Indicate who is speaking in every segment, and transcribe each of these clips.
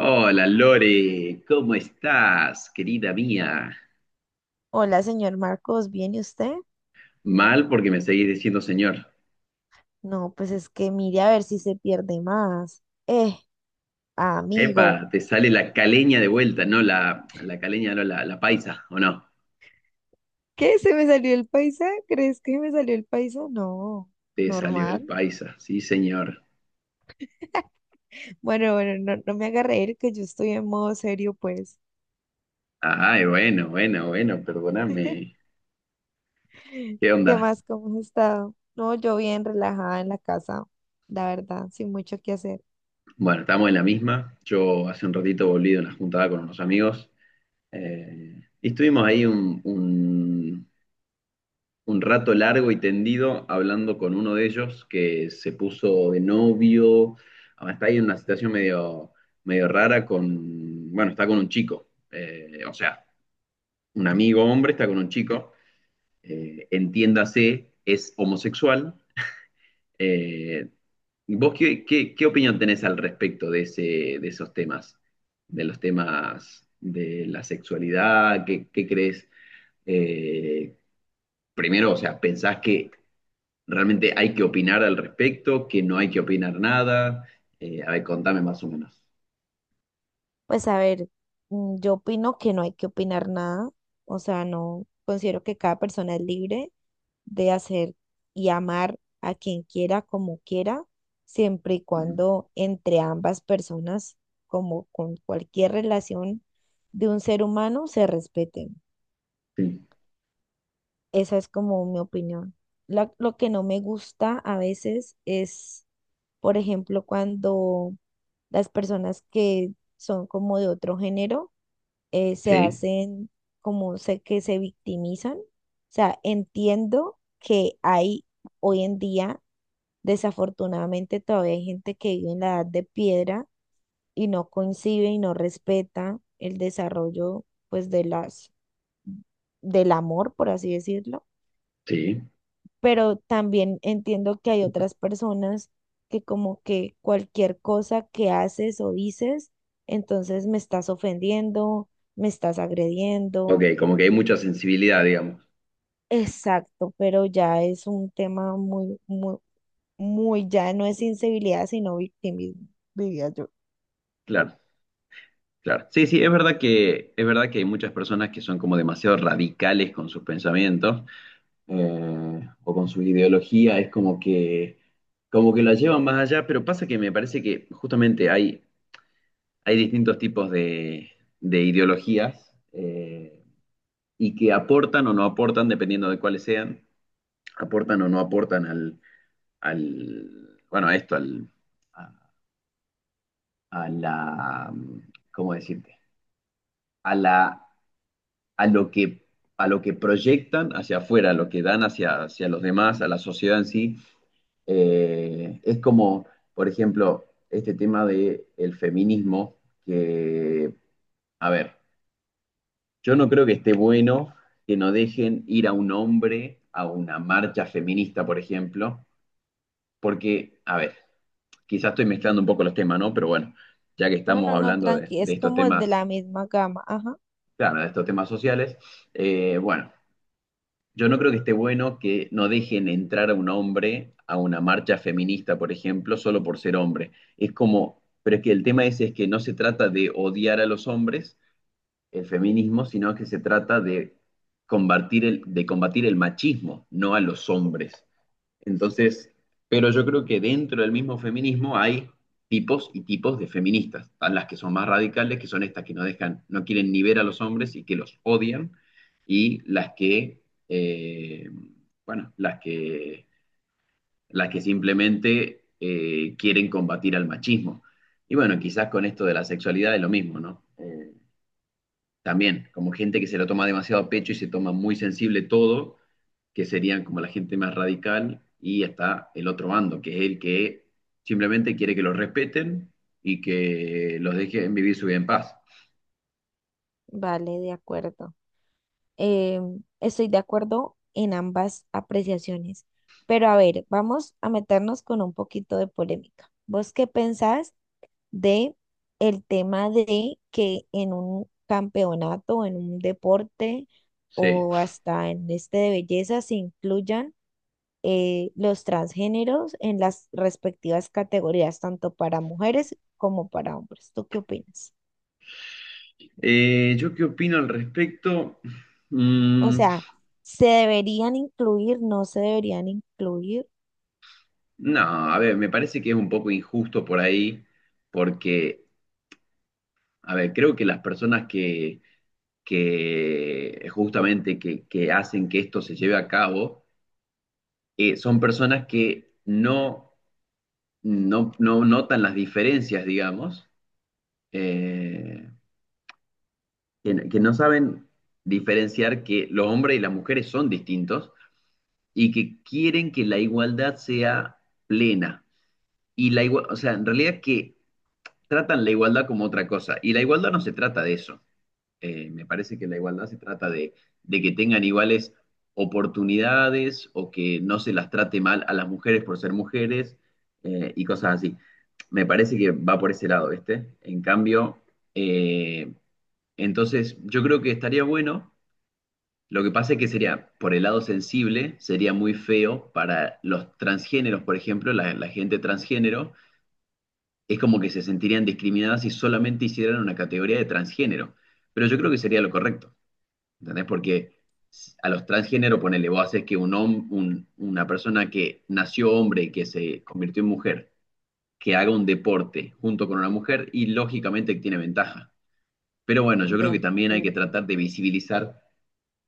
Speaker 1: Hola Lore, ¿cómo estás, querida mía?
Speaker 2: Hola, señor Marcos, ¿viene usted?
Speaker 1: Mal porque me seguís diciendo señor.
Speaker 2: No, pues es que mire a ver si se pierde más. Amigo.
Speaker 1: Epa, te sale la caleña de vuelta, no la caleña, no la paisa, ¿o no?
Speaker 2: ¿Qué? ¿Se me salió el paisa? ¿Crees que me salió el paisa? No,
Speaker 1: Te salió el
Speaker 2: normal.
Speaker 1: paisa, sí señor.
Speaker 2: Bueno, bueno, no, no me haga reír que yo estoy en modo serio, pues.
Speaker 1: Ay, bueno, bueno, bueno, perdóname. ¿Qué
Speaker 2: ¿Qué
Speaker 1: onda?
Speaker 2: más? ¿Cómo has estado? No, yo bien relajada en la casa, la verdad, sin mucho que hacer.
Speaker 1: Bueno, estamos en la misma. Yo hace un ratito volví de una juntada con unos amigos y estuvimos ahí un rato largo y tendido hablando con uno de ellos que se puso de novio, está ahí en una situación medio rara con, bueno, está con un chico, o sea, un amigo hombre está con un chico, entiéndase, es homosexual. eh, ¿Vos qué opinión tenés al respecto de ese, de esos temas, de los temas de la sexualidad? ¿Qué crees? Eh, primero, o sea, ¿pensás que ¿Realmente hay que opinar al respecto? ¿Que no hay que opinar nada? A ver, contame más o menos.
Speaker 2: Pues a ver, yo opino que no hay que opinar nada, o sea, no, considero que cada persona es libre de hacer y amar a quien quiera, como quiera, siempre y cuando entre ambas personas, como con cualquier relación de un ser humano, se respeten.
Speaker 1: Sí,
Speaker 2: Esa es como mi opinión. Lo que no me gusta a veces es, por ejemplo, cuando las personas que son como de otro género se
Speaker 1: sí,
Speaker 2: hacen como sé que se victimizan. O sea, entiendo que hay hoy en día desafortunadamente todavía hay gente que vive en la edad de piedra y no concibe y no respeta el desarrollo pues de las del amor, por así decirlo,
Speaker 1: sí.
Speaker 2: pero también entiendo que hay otras personas que como que cualquier cosa que haces o dices, entonces me estás ofendiendo, me estás
Speaker 1: Ok,
Speaker 2: agrediendo.
Speaker 1: como que hay mucha sensibilidad, digamos.
Speaker 2: Exacto, pero ya es un tema muy, muy, muy, ya no es insensibilidad, sino victimismo, diría yo.
Speaker 1: Claro, claro. Sí, sí, es verdad que hay muchas personas que son como demasiado radicales con sus pensamientos o con su ideología. Como que la llevan más allá, pero pasa que me parece que justamente hay distintos tipos de ideologías. Y que aportan o no aportan, dependiendo de cuáles sean, aportan o no aportan al bueno, a esto, al, a, a la, ¿cómo decirte? A, la, a, lo que, a lo que proyectan hacia afuera, a lo que dan hacia los demás, a la sociedad en sí. Es como, por ejemplo, este tema del el feminismo, que, a ver, yo no creo que esté bueno que no dejen ir a un hombre a una marcha feminista, por ejemplo, porque, a ver, quizás estoy mezclando un poco los temas, ¿no? Pero bueno, ya que
Speaker 2: No, no,
Speaker 1: estamos
Speaker 2: no,
Speaker 1: hablando
Speaker 2: tranqui,
Speaker 1: de
Speaker 2: es
Speaker 1: estos
Speaker 2: como de
Speaker 1: temas,
Speaker 2: la misma gama. Ajá,
Speaker 1: claro, de estos temas sociales, bueno, yo no creo que esté bueno que no dejen entrar a un hombre a una marcha feminista, por ejemplo, solo por ser hombre. Es como, pero es que el tema ese es que no se trata de odiar a los hombres, el feminismo, sino que se trata de de combatir el machismo, no a los hombres. Entonces, pero yo creo que dentro del mismo feminismo hay tipos y tipos de feministas. Están las que son más radicales, que son estas que no dejan, no quieren ni ver a los hombres y que los odian, y eh, bueno, las que las que simplemente quieren combatir al machismo. Y bueno, quizás con esto de la sexualidad es lo mismo, ¿no? También, como gente que se lo toma demasiado a pecho y se toma muy sensible todo, que serían como la gente más radical, y está el otro bando, que es el que simplemente quiere que los respeten y que los dejen vivir su vida en paz.
Speaker 2: vale, de acuerdo. Eh, Estoy de acuerdo en ambas apreciaciones. Pero a ver, vamos a meternos con un poquito de polémica. ¿Vos qué pensás de el tema de que en un campeonato, en un deporte
Speaker 1: Sí.
Speaker 2: o hasta en este de belleza se incluyan los transgéneros en las respectivas categorías, tanto para mujeres como para hombres? ¿Tú qué opinas?
Speaker 1: ¿Yo qué opino al respecto?
Speaker 2: O
Speaker 1: Mm,
Speaker 2: sea, ¿se deberían incluir? ¿No se deberían incluir?
Speaker 1: no, a ver, me parece que es un poco injusto por ahí, porque, a ver, creo que que justamente que hacen que esto se lleve a cabo, son personas que no notan las diferencias, digamos, eh, que no saben diferenciar que los hombres y las mujeres son distintos y que quieren que la igualdad sea plena. Y la igua- o sea, en realidad que tratan la igualdad como otra cosa. Y la igualdad no se trata de eso. Me parece que la igualdad se trata de que tengan iguales oportunidades o que no se las trate mal a las mujeres por ser mujeres y cosas así. Me parece que va por ese lado, ¿viste? En cambio, eh, entonces yo creo que estaría bueno. Lo que pasa es que sería, por el lado sensible, sería muy feo para los transgéneros, por ejemplo, la gente transgénero, es como que se sentirían discriminadas si solamente hicieran una categoría de transgénero. Pero yo creo que sería lo correcto. ¿Entendés? Porque a los transgénero, ponele, vos haces que un, hom- un- una persona que nació hombre y que se convirtió en mujer, que haga un deporte junto con una mujer y lógicamente tiene ventaja. Pero bueno, yo creo
Speaker 2: De
Speaker 1: que también hay que
Speaker 2: acuerdo.
Speaker 1: tratar de visibilizar,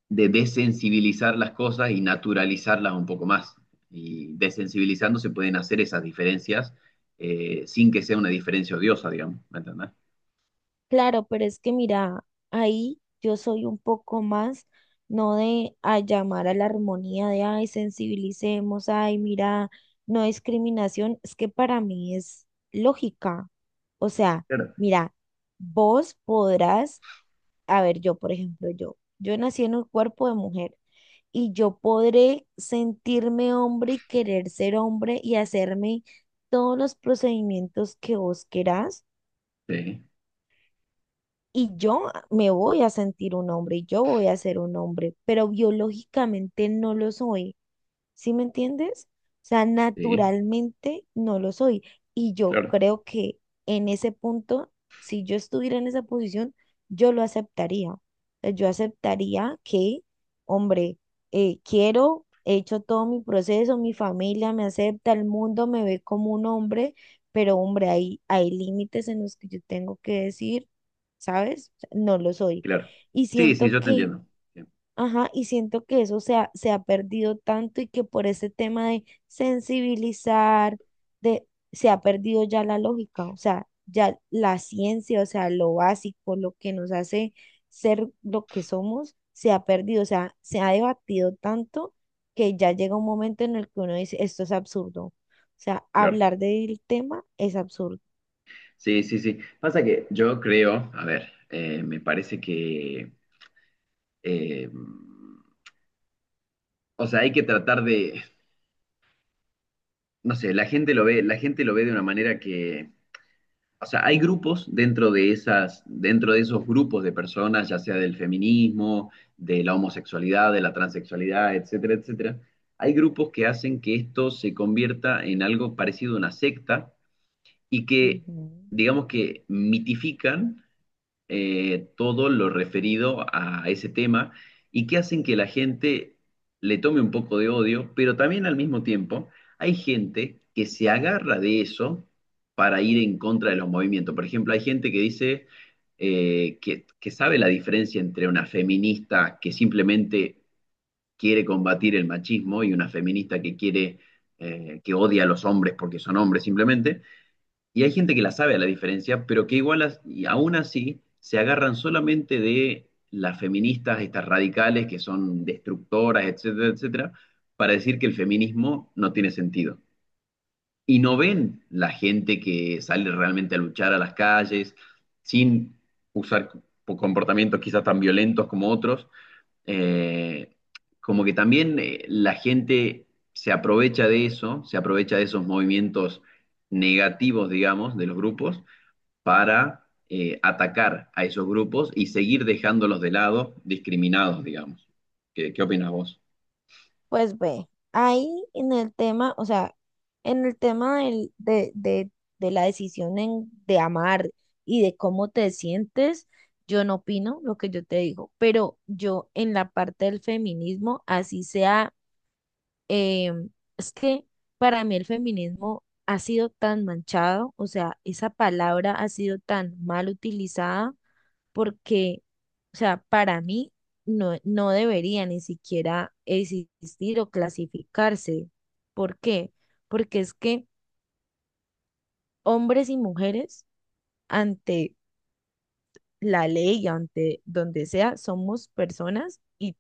Speaker 1: de desensibilizar las cosas y naturalizarlas un poco más. Y desensibilizando se pueden hacer esas diferencias sin que sea una diferencia odiosa, digamos, ¿me entendés?
Speaker 2: Claro, pero es que mira, ahí yo soy un poco más, no de a llamar a la armonía de, ay, sensibilicemos, ay, mira, no discriminación, es que para mí es lógica. O sea,
Speaker 1: Claro,
Speaker 2: mira, vos podrás, a ver, yo, por ejemplo, yo nací en un cuerpo de mujer. Y yo podré sentirme hombre y querer ser hombre y hacerme todos los procedimientos que vos querás.
Speaker 1: sí,
Speaker 2: Y yo me voy a sentir un hombre y yo voy a ser un hombre, pero biológicamente no lo soy. ¿Sí me entiendes? O sea,
Speaker 1: sí,
Speaker 2: naturalmente no lo soy. Y yo
Speaker 1: claro,
Speaker 2: creo que en ese punto, si yo estuviera en esa posición, yo lo aceptaría. O sea, yo aceptaría que, hombre, quiero, he hecho todo mi proceso, mi familia me acepta, el mundo me ve como un hombre, pero hombre, hay límites en los que yo tengo que decir, ¿sabes? O sea, no lo soy.
Speaker 1: claro,
Speaker 2: Y
Speaker 1: sí, sí,
Speaker 2: siento
Speaker 1: yo te
Speaker 2: que
Speaker 1: entiendo. Sí,
Speaker 2: Ajá, y siento que eso se ha perdido tanto y que por ese tema de sensibilizar, se ha perdido ya la lógica, o sea, ya la ciencia, o sea, lo básico, lo que nos hace ser lo que somos, se ha perdido, o sea, se ha debatido tanto que ya llega un momento en el que uno dice, esto es absurdo, o sea,
Speaker 1: claro.
Speaker 2: hablar del tema es absurdo.
Speaker 1: Sí, sí, sí. Pasa que yo creo, a ver, me parece que, eh, o sea, hay que tratar de, no sé, la gente lo ve, la gente lo ve de una manera que, o sea, hay grupos dentro de esas, dentro de esos grupos de personas, ya sea del feminismo, de la homosexualidad, de la transexualidad, etcétera, etcétera. Hay grupos que hacen que esto se convierta en algo parecido a una secta y que,
Speaker 2: Ujú.
Speaker 1: digamos que mitifican todo lo referido a ese tema y que hacen que la gente le tome un poco de odio, pero también al mismo tiempo hay gente que se agarra de eso para ir en contra de los movimientos. Por ejemplo, hay gente que dice que sabe la diferencia entre una feminista que simplemente quiere combatir el machismo y una feminista que quiere, que odia a los hombres porque son hombres simplemente y hay gente que la sabe a la diferencia, pero que igual as- y aún así se agarran solamente de las feministas, estas radicales que son destructoras, etcétera, etcétera, para decir que el feminismo no tiene sentido. Y no ven la gente que sale realmente a luchar a las calles sin usar co- comportamientos quizás tan violentos como otros. Eh, como que también la gente se aprovecha de eso, se aprovecha de esos movimientos negativos, digamos, de los grupos para atacar a esos grupos y seguir dejándolos de lado, discriminados, digamos. ¿Qué opinas vos?
Speaker 2: Pues ve, ahí en el tema, o sea, en el tema de la decisión de amar y de cómo te sientes, yo no opino lo que yo te digo, pero yo en la parte del feminismo, así sea. Eh, es que para mí el feminismo ha sido tan manchado, o sea, esa palabra ha sido tan mal utilizada porque, o sea, para mí no, no debería ni siquiera existir o clasificarse. ¿Por qué? Porque es que hombres y mujeres ante la ley, ante donde sea, somos personas y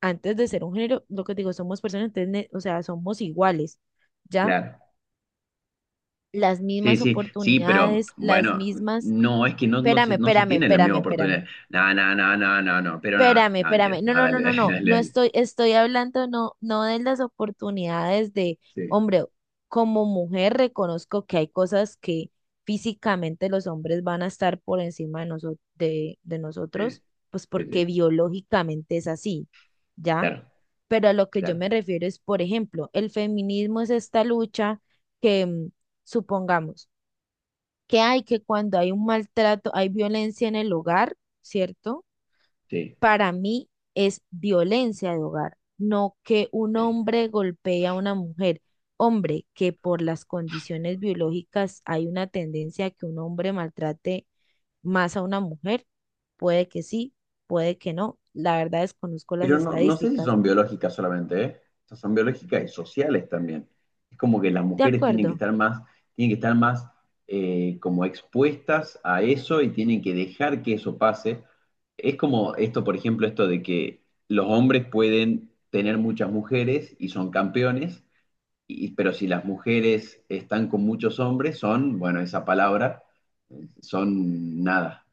Speaker 2: antes de ser un género, lo que te digo, somos personas, entonces, o sea, somos iguales. ¿Ya?
Speaker 1: Claro.
Speaker 2: Las
Speaker 1: Sí,
Speaker 2: mismas
Speaker 1: sí, sí, pero
Speaker 2: oportunidades, las
Speaker 1: bueno,
Speaker 2: mismas.
Speaker 1: no, es que no
Speaker 2: Espérame,
Speaker 1: no se
Speaker 2: espérame,
Speaker 1: tiene la
Speaker 2: espérame,
Speaker 1: misma
Speaker 2: espérame.
Speaker 1: oportunidad. No, no, no, no, no, no, pero nada,
Speaker 2: Espérame,
Speaker 1: no, mentiras,
Speaker 2: espérame. No,
Speaker 1: nada,
Speaker 2: no, no,
Speaker 1: dale,
Speaker 2: no,
Speaker 1: dale,
Speaker 2: no.
Speaker 1: dale,
Speaker 2: No
Speaker 1: dale.
Speaker 2: estoy hablando no, no de las oportunidades de,
Speaker 1: Sí,
Speaker 2: hombre, como mujer reconozco que hay cosas que físicamente los hombres van a estar por encima de
Speaker 1: sí,
Speaker 2: nosotros, pues
Speaker 1: sí,
Speaker 2: porque
Speaker 1: sí,
Speaker 2: biológicamente es así, ¿ya?
Speaker 1: claro,
Speaker 2: Pero a lo que yo
Speaker 1: claro,
Speaker 2: me refiero es, por ejemplo, el feminismo es esta lucha que, supongamos, que hay que cuando hay un maltrato, hay violencia en el hogar, ¿cierto?
Speaker 1: sí,
Speaker 2: Para mí es violencia de hogar, no que un
Speaker 1: sí.
Speaker 2: hombre golpee a una mujer. Hombre, que por las condiciones biológicas hay una tendencia a que un hombre maltrate más a una mujer, puede que sí, puede que no. La verdad desconozco las
Speaker 1: Pero no, no sé si
Speaker 2: estadísticas.
Speaker 1: son biológicas solamente, ¿eh? O sea, son biológicas y sociales también. Es como que las
Speaker 2: De
Speaker 1: mujeres
Speaker 2: acuerdo,
Speaker 1: tienen que estar más como expuestas a eso y tienen que dejar que eso pase. Es como esto, por ejemplo, esto de que los hombres pueden tener muchas mujeres y son campeones, y- pero si las mujeres están con muchos hombres, son, bueno, esa palabra, son nada,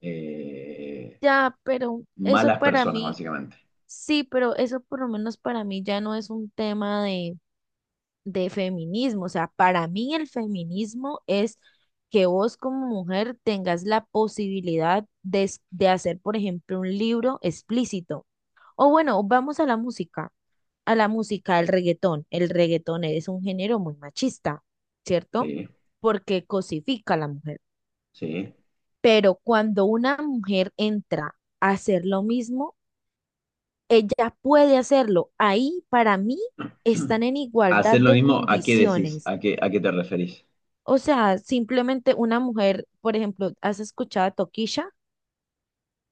Speaker 1: eh,
Speaker 2: ya, pero eso
Speaker 1: malas
Speaker 2: para
Speaker 1: personas,
Speaker 2: mí,
Speaker 1: básicamente.
Speaker 2: sí, pero eso por lo menos para mí ya no es un tema de feminismo. O sea, para mí el feminismo es que vos como mujer tengas la posibilidad de, de hacer, por ejemplo, un libro explícito. O bueno, vamos a la música, al reggaetón. El reggaetón es un género muy machista, ¿cierto?
Speaker 1: Sí,
Speaker 2: Porque cosifica a la mujer.
Speaker 1: sí.
Speaker 2: Pero cuando una mujer entra a hacer lo mismo, ella puede hacerlo. Ahí para mí están en igualdad
Speaker 1: Hacer lo
Speaker 2: de
Speaker 1: mismo, ¿a qué decís?
Speaker 2: condiciones.
Speaker 1: ¿A qué te referís?
Speaker 2: O sea, simplemente una mujer, por ejemplo, ¿has escuchado a Tokisha,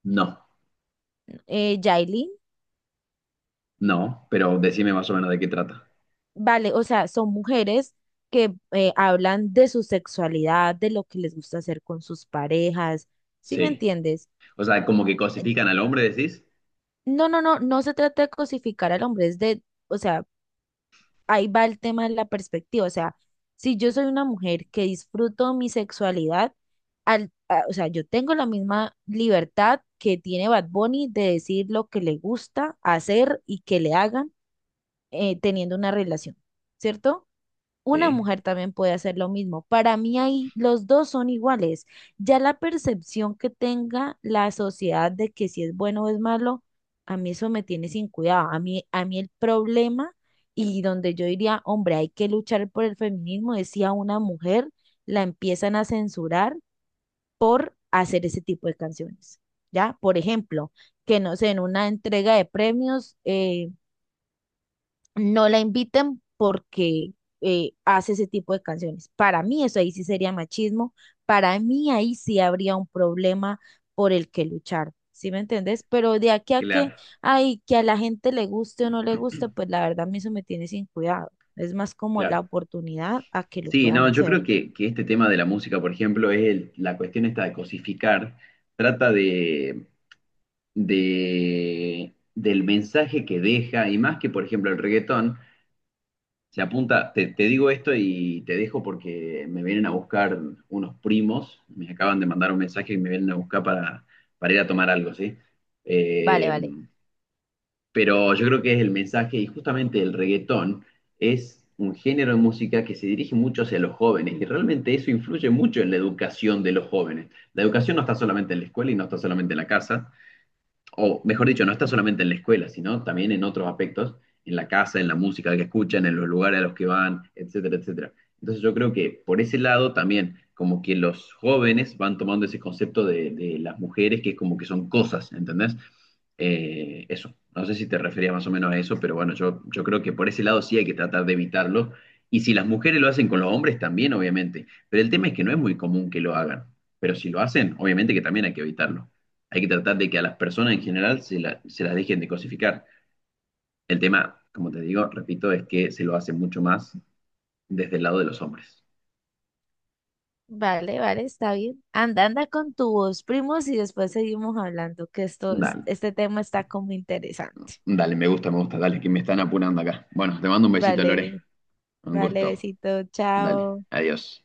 Speaker 1: No,
Speaker 2: Yailin?
Speaker 1: no, pero decime más o menos de qué trata.
Speaker 2: Vale, o sea, son mujeres que hablan de su sexualidad, de lo que les gusta hacer con sus parejas, ¿sí me
Speaker 1: Sí.
Speaker 2: entiendes?
Speaker 1: O sea, como que cosifican al hombre, decís.
Speaker 2: No, no, no, no se trata de cosificar al hombre, es de, o sea, ahí va el tema de la perspectiva. O sea, si yo soy una mujer que disfruto mi sexualidad, o sea, yo tengo la misma libertad que tiene Bad Bunny de decir lo que le gusta hacer y que le hagan teniendo una relación, ¿cierto? Una
Speaker 1: Sí,
Speaker 2: mujer también puede hacer lo mismo. Para mí ahí los dos son iguales. Ya la percepción que tenga la sociedad de que si es bueno o es malo, a mí eso me tiene sin cuidado. A mí el problema y donde yo diría, hombre, hay que luchar por el feminismo, decía una mujer, la empiezan a censurar por hacer ese tipo de canciones. ¿Ya? Por ejemplo, que no sé, en una entrega de premios, no la inviten porque hace ese tipo de canciones. Para mí eso ahí sí sería machismo, para mí ahí sí habría un problema por el que luchar, ¿sí me entendés? Pero de aquí a que,
Speaker 1: claro,
Speaker 2: ay, que a la gente le guste o no le guste, pues la verdad a mí eso me tiene sin cuidado. Es más como la
Speaker 1: claro.
Speaker 2: oportunidad a que lo
Speaker 1: Sí,
Speaker 2: puedan
Speaker 1: no, yo creo
Speaker 2: hacer.
Speaker 1: que este tema de la música, por ejemplo, es el- la cuestión esta de cosificar, trata de, del mensaje que deja, y más que, por ejemplo, el reggaetón, Se apunta, te digo esto y te dejo porque me vienen a buscar unos primos, me acaban de mandar un mensaje y me vienen a buscar para ir a tomar algo, ¿sí?
Speaker 2: Vale,
Speaker 1: Eh,
Speaker 2: vale.
Speaker 1: pero yo creo que es el mensaje y justamente el reggaetón es un género de música que se dirige mucho hacia los jóvenes y realmente eso influye mucho en la educación de los jóvenes. La educación no está solamente en la escuela y no está solamente en la casa, o mejor dicho, no está solamente en la escuela, sino también en otros aspectos, en la casa, en la música que escuchan, en los lugares a los que van, etcétera, etcétera. Entonces yo creo que por ese lado también, como que los jóvenes van tomando ese concepto de las mujeres, que es como que son cosas, ¿entendés? Eso, no sé si te referías más o menos a eso, pero bueno, yo creo que por ese lado sí hay que tratar de evitarlo. Y si las mujeres lo hacen con los hombres también, obviamente. Pero el tema es que no es muy común que lo hagan. Pero si lo hacen, obviamente que también hay que evitarlo hay que tratar de que a las personas en general la- se las dejen de cosificar. El tema, como te digo, repito, es que se lo hace mucho más desde el lado de los hombres.
Speaker 2: Vale, vale, está bien. Anda, anda con tu voz, primos, y después seguimos hablando, que esto,
Speaker 1: Dale,
Speaker 2: este tema está como interesante.
Speaker 1: dale, me gusta, dale, que me están apurando acá. Bueno, te mando un besito, Lore.
Speaker 2: Vale.
Speaker 1: Un
Speaker 2: Vale,
Speaker 1: gusto.
Speaker 2: besito,
Speaker 1: Dale,
Speaker 2: chao.
Speaker 1: adiós.